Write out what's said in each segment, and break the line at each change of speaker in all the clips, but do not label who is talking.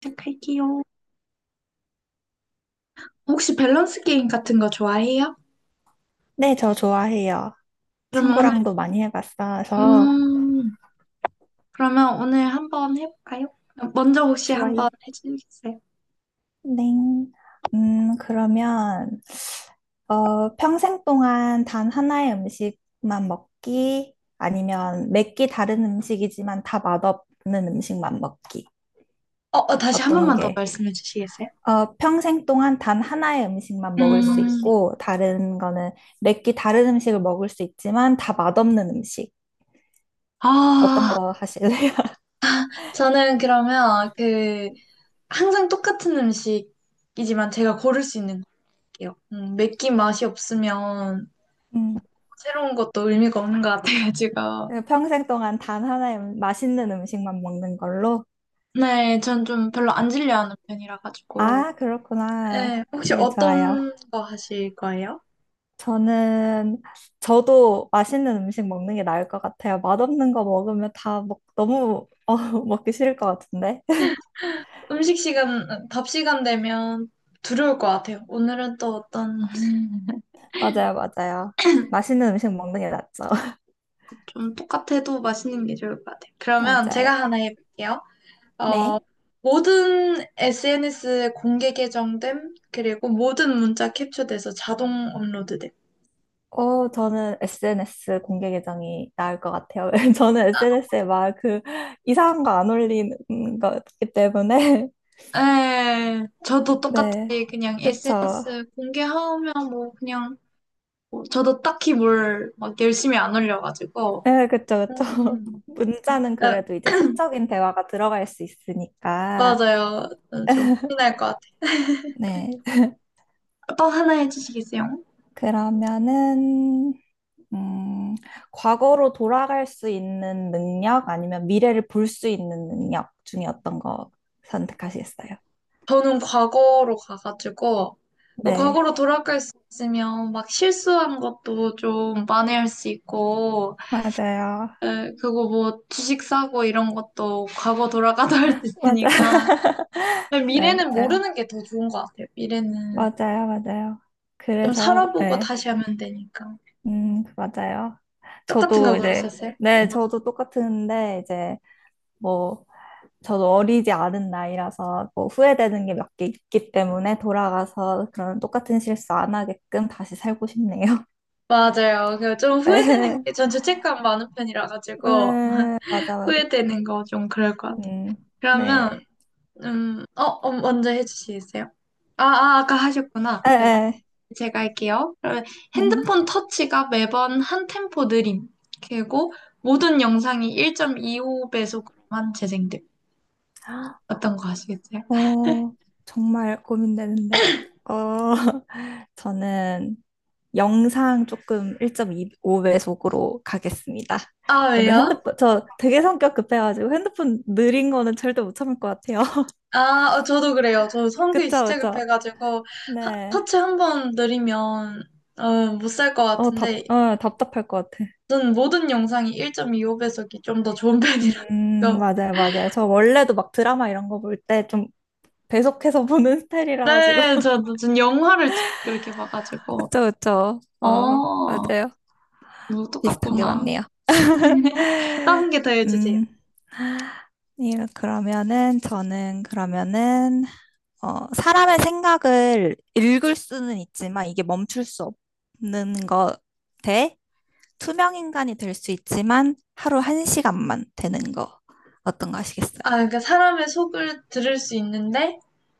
시작할게요. 혹시 밸런스 게임 같은 거 좋아해요?
네, 저 좋아해요.
그러면 오늘,
친구랑도 많이 해봤어서
음, 그러면 오늘 한번 해볼까요? 먼저 혹시 한번
좋아요.
해주시겠어요?
네. 그러면 평생 동안 단 하나의 음식만 먹기 아니면 몇 끼 다른 음식이지만 다 맛없는 음식만 먹기.
다시 한
어떤
번만 더
게?
말씀해 주시겠어요?
평생 동안 단 하나의 음식만 먹을 수
음,
있고 다른 거는 몇 끼 다른 음식을 먹을 수 있지만 다 맛없는 음식. 어떤
아,
거 하실래요?
저는 그러면 항상 똑같은 음식이지만 제가 고를 수 있는 거 할게요. 맵긴 맛이 없으면 새로운 것도 의미가 없는 것 같아가지고.
평생 동안 단 하나의 맛있는 음식만 먹는 걸로?
네, 전 좀 별로 안 질려하는 편이라 가지고.
아, 그렇구나.
네, 혹시
네, 좋아요.
어떤 거 하실 거예요?
저는, 저도 맛있는 음식 먹는 게 나을 것 같아요. 맛없는 거 먹으면 다 먹, 너무 먹기 싫을 것 같은데.
음식 시간, 답 시간 되면 두려울 것 같아요. 오늘은 또 어떤,
맞아요, 맞아요. 맛있는 음식 먹는 게 낫죠.
좀 똑같아도 맛있는 게 좋을 것 같아요. 그러면
맞아요.
제가 하나 해볼게요. 어,
네.
모든 SNS 공개 계정됨, 그리고 모든 문자 캡처돼서 자동 업로드됨.
저는 SNS 공개 계정이 나을 것 같아요. 저는 SNS에 막 이상한 거 안 올리는 거기 때문에.
네, 저도
네.
똑같이 그냥
그쵸.
SNS 공개하면 뭐 그냥 뭐 저도 딱히 뭘 막 열심히 안 올려가지고.
네, 그쵸, 그쵸.
음.
문자는 그래도 이제 사적인 대화가 들어갈 수 있으니까.
맞아요. 좀 큰일 것 같아요.
네.
또 하나 해주시겠어요?
그러면은, 음, 과거로 돌아갈 수 있는 능력 아니면 미래를 볼 수 있는 능력 중에 어떤 거 선택하시겠어요?
저는 과거로 가가지고 그
네.
과거로 돌아갈 수 있으면 막 실수한 것도 좀 만회할 수 있고
맞아요.
그거 뭐 주식 사고 이런 것도 과거 돌아가도 할 수
맞아요.
있으니까 근데
네,
미래는
맞아요.
모르는 게 더 좋은 것 같아요. 미래는
맞아요, 맞아요.
좀
그래서,
살아보고
네.
다시 하면 되니까
맞아요.
똑같은 거
저도 이제,
고르셨어요?
네,
네.
저도 똑같은데, 이제, 뭐, 저도 어리지 않은 나이라서 뭐 후회되는 게 몇 개 있기 때문에 돌아가서 그런 똑같은 실수 안 하게끔 다시 살고 싶네요.
맞아요. 그좀 후회되는
네,
게 전 죄책감 많은 편이라 가지고
맞아, 맞아.
후회되는 거 좀 그럴 것 같아요.
음,
그러면
네.
먼저 해주시겠어요? 아까 하셨구나.
에,
네,
에,
제가 할게요. 그러면
네.
핸드폰 터치가 매번 한 템포 느림. 그리고 모든 영상이 1.25배속으로만 재생됨. 어떤 거 하시겠어요?
어, 정말 고민되는데. 어, 저는 영상 조금 1.25배속으로 가겠습니다.
아,
저는
왜요?
핸드폰, 저 되게 성격 급해가지고 핸드폰 느린 거는 절대 못 참을 것 같아요.
아, 저도 그래요. 저 성격이
그쵸,
진짜
그쵸.
급해가지고
네.
터치 한 번 느리면 못 살 것 같은데
답답할 것 같아.
저는 모든 영상이 1.25배속이 좀 더 좋은 편이라
맞아요, 맞아요. 저 원래도 막 드라마 이런 거 볼 때 좀 배속해서 보는 스타일이라 가지고.
네, 저 무슨 영화를 이렇게 봐가지고.
그쵸, 그쵸.
어,
어, 맞아요.
뭐
비슷한 게
똑같구나.
많네요.
다른 게 더 해주세요.
음. 이 그러면은 저는 그러면은 사람의 생각을 읽을 수는 있지만 이게 멈출 수 없는 거 대 투명 인간이 될 수 있지만 하루 한 시간만 되는 거 어떤 거 하시겠어요?
아, 그러니까 사람의 속을 들을 수 있는데,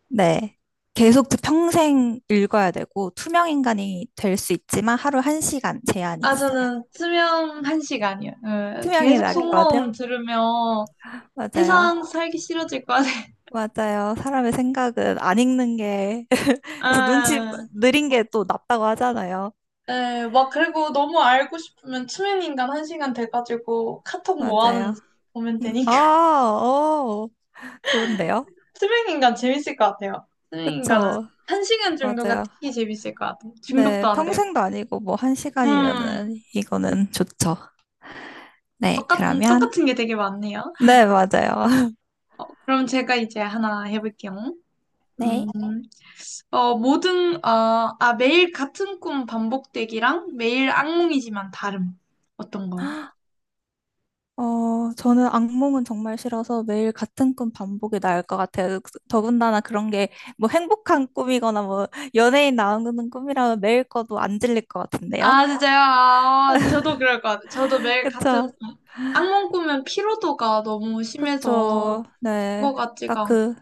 네. 계속 평생 읽어야 되고, 투명인간이 될 수 있지만 하루 한시간 제한이
아,
있어요.
저는 수면 한 시간이요. 예,
투명이
계속
나을 것 같아요.
속마음 들으면
맞아요.
세상 살기 싫어질 것 같아요.
맞아요. 사람의 생각은 안 읽는 게, 그래서 눈치
아,
느린 게 또 낫다고 하잖아요.
예, 막 그리고 너무 알고 싶으면 투명인간 한 시간 돼가지고 카톡 뭐
맞아요.
하는지 보면
음, 아,
되니까.
어, 좋은데요?
투명인간 재밌을 것 같아요. 투명인간은
그쵸.
한 시간 정도가
맞아요.
특히 재밌을 것 같아요. 중독도
네.
안 되고.
평생도 아니고 뭐
음,
한시간이면은 이거는 좋죠. 네. 그러면,
똑같은 게 되게 많네요.
네, 맞아요.
그럼 제가 이제 하나 해볼게요. 음,
네.
매일 같은 꿈 반복되기랑 매일 악몽이지만 다름. 어떤 거?
저는 악몽은 정말 싫어서 매일 같은 꿈 반복이 나을 것 같아요. 더군다나 그런 게 뭐 행복한 꿈이거나 뭐 연예인 나오는 꿈이라면 매일 꿔도 안 질릴 것 같은데요.
아, 진짜요? 아, 저도 그럴 것 같아요. 저도 매일 같은,
그쵸?
악몽 꾸면 피로도가 너무 심해서
그쵸. 네.
그거 같지가
딱
않고.
그,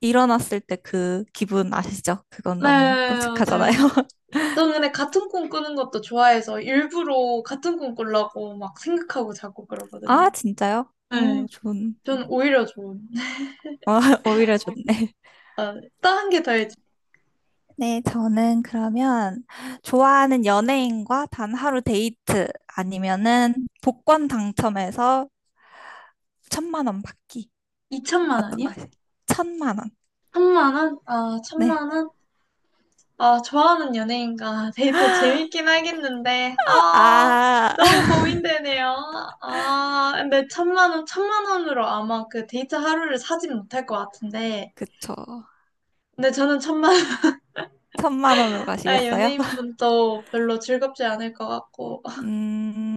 일어났을 때 그 기분 아시죠? 그건
네,
너무 끔찍하잖아요.
맞아요. 저는 근데 같은 꿈 꾸는 것도 좋아해서 일부러 같은 꿈 꾸려고 막 생각하고 자고 그러거든요.
아, 진짜요? 어,
네.
좋은.
전 오히려 좋은.
아, 오히려 좋네.
아, 다른 게 더해지.
네, 저는 그러면 좋아하는 연예인과 단 하루 데이트 아니면은 복권 당첨해서 천만 원 받기.
2천만 원이야?
어떤가요? 천만 원.
천만 원? 아,
네.
천만 원? 아, 좋아하는 연예인과 데이트 재밌긴 하겠는데, 아,
아,
너무 고민되네요. 아, 근데 천만 원, 천만 원으로 아마 그 데이트 하루를 사진 못할 것 같은데,
그쵸.
근데 저는 천만 원,
천만 원으로
아,
가시겠어요?
연예인분도 별로 즐겁지 않을 것 같고,
음,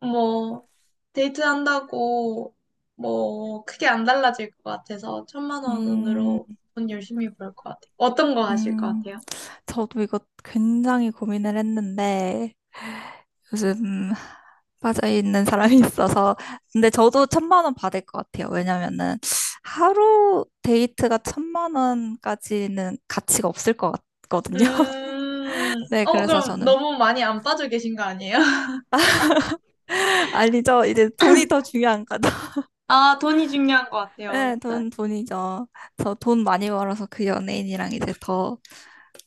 뭐, 데이트한다고 뭐, 크게 안 달라질 것 같아서 천만
음,
원으로 돈 열심히 벌 것 같아요. 어떤 거 하실 것
음.
같아요?
저도 이거 굉장히 고민을 했는데 요즘 빠져있는 사람이 있어서 근데 저도 천만 원 받을 것 같아요. 왜냐면은 하루 데이트가 천만 원까지는 가치가 없을 것 같거든요. 네, 그래서
그럼
저는
너무 많이 안 빠져 계신 거 아니에요?
아니죠. 이제 돈이 더 중요한 거죠.
아, 돈이 중요한 것 같아요.
네,
진짜.
돈, 돈이죠. 저 돈 많이 벌어서 그 연예인이랑 이제 더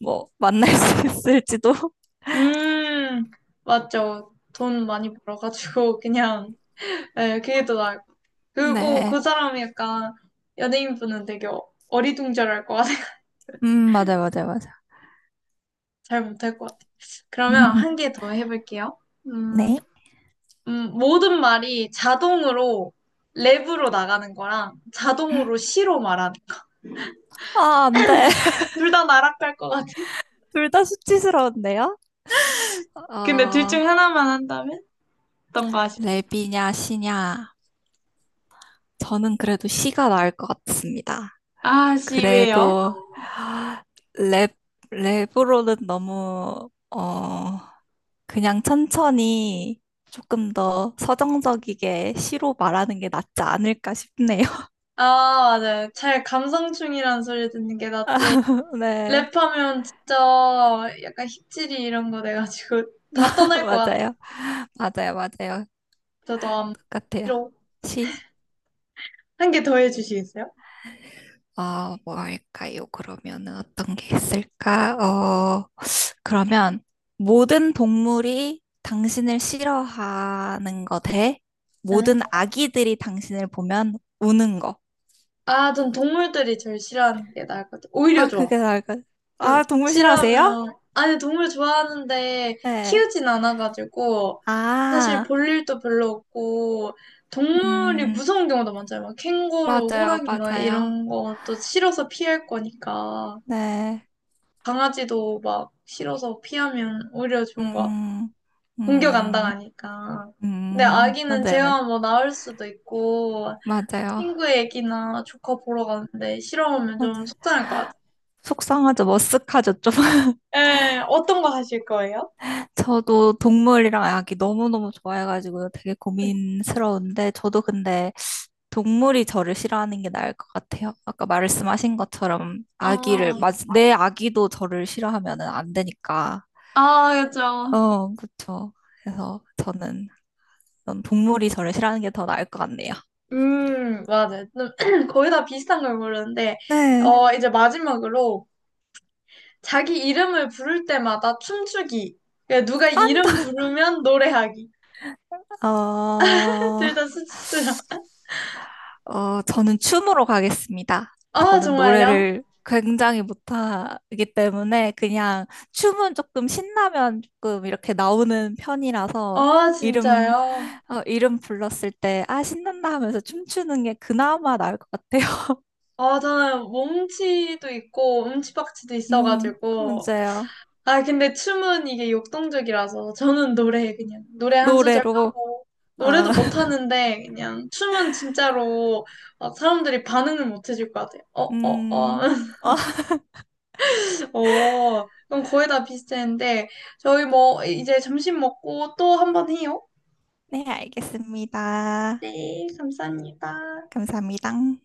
뭐 만날 수 있을지도.
음, 맞죠. 돈 많이 벌어가지고, 그냥, 예, 그게 더 나을 것 같아요. 그리고
네,
그 사람이 약간, 연예인분은 되게 어리둥절할 것 같아요.
맞아요, 맞아요, 맞아요.
잘 못할 것 같아요. 그러면 한 개 더 해볼게요. 음,
네.
모든 말이 자동으로 랩으로 나가는 거랑 자동으로 시로 말하는
아, 안 돼.
둘 다 나락갈 것 같아.
둘 다 수치스러운데요?
근데 둘
어,
중 하나만 한다면? 어떤 거 하시?
랩이냐, 시냐. 저는 그래도 시가 나을 것 같습니다.
아, 씨, 왜요?
그래도 랩, 랩으로는 너무, 그냥 천천히 조금 더 서정적이게 시로 말하는 게 낫지 않을까 싶네요.
아, 맞아요. 잘 감성충이라는 소리 듣는 게 낫지.
네,
랩하면 진짜 약간 힙질이 이런 거 돼가지고 다 떠날 것 같아.
맞아요. 맞아요, 맞아요.
저도 아마
똑같아요.
싫어.
시.
한 개 더 해주시겠어요?
아, 뭐 할까요? 그러면은 어떤 게 있을까? 그러면 모든 동물이 당신을 싫어하는 거 대
네.
모든 아기들이 당신을 보면 우는 거.
아, 전 동물들이 제일 싫어하는 게 나을 것 같아. 오히려
아,
좋아.
그게 나을 것.
그
아, 동물 싫어하세요?
싫어하면 아니 동물 좋아하는데
네.
키우진 않아가지고 사실
아,
볼 일도 별로 없고 동물이
음,
무서운 경우도 많잖아요. 막 캥거루,
맞아요,
호랑이 막
맞아요.
이런 것도 싫어서 피할 거니까
네.
강아지도 막 싫어서 피하면 오히려 좋은 것 같아요.
음,
공격 안
음,
당하니까. 근데 아기는
맞아요, 맞아요.
제가 뭐 나을 수도 있고
맞아요.
친구 애기나 조카 보러 가는데 싫어하면
맞아요.
좀 속상할 것 같아요.
속상하죠, 머쓱하죠, 좀.
예, 어떤 거 하실 거예요?
저도 동물이랑 아기 너무너무 좋아해가지고 되게
네. 기
고민스러운데, 저도 근데 동물이 저를 싫어하는 게 나을 것 같아요. 아까 말씀하신 것처럼 아기를 맞, 내 아기도 저를 싫어하면 안 되니까.
아, 그죠.
어, 그쵸. 그래서 저는 전 동물이 저를 싫어하는 게 더 나을 것 같네요.
맞아요. 좀 거의 다 비슷한 걸 고르는데,
네.
이제 마지막으로 자기 이름을 부를 때마다 춤추기. 그러니까 누가
아,
이름 부르면 노래하기.
어,
둘 다 수치스러워.
저는 춤으로 가겠습니다.
아,
저는
정말요?
노래를 굉장히 못하기 때문에 그냥 춤은 조금 신나면 조금 이렇게 나오는 편이라서
아,
이름,
진짜요?
이름 불렀을 때, 아, 신난다 하면서 춤추는 게 그나마 나을 것 같아요.
아, 저는 몸치도 있고, 음치박치도 있어가지고,
문제요.
아, 근데 춤은 이게 역동적이라서 저는 노래 그냥 노래 한 소절
노래로.
하고
아,
노래도 못 하는데 그냥 춤은 진짜로 막 사람들이 반응을 못 해줄 것 같아요. 어, 어,
음,
어.
어,
그럼 거의 다 비슷했는데 저희 뭐 이제 점심 먹고 또 한번 해요.
네, 알겠습니다.
네.
감사합니다.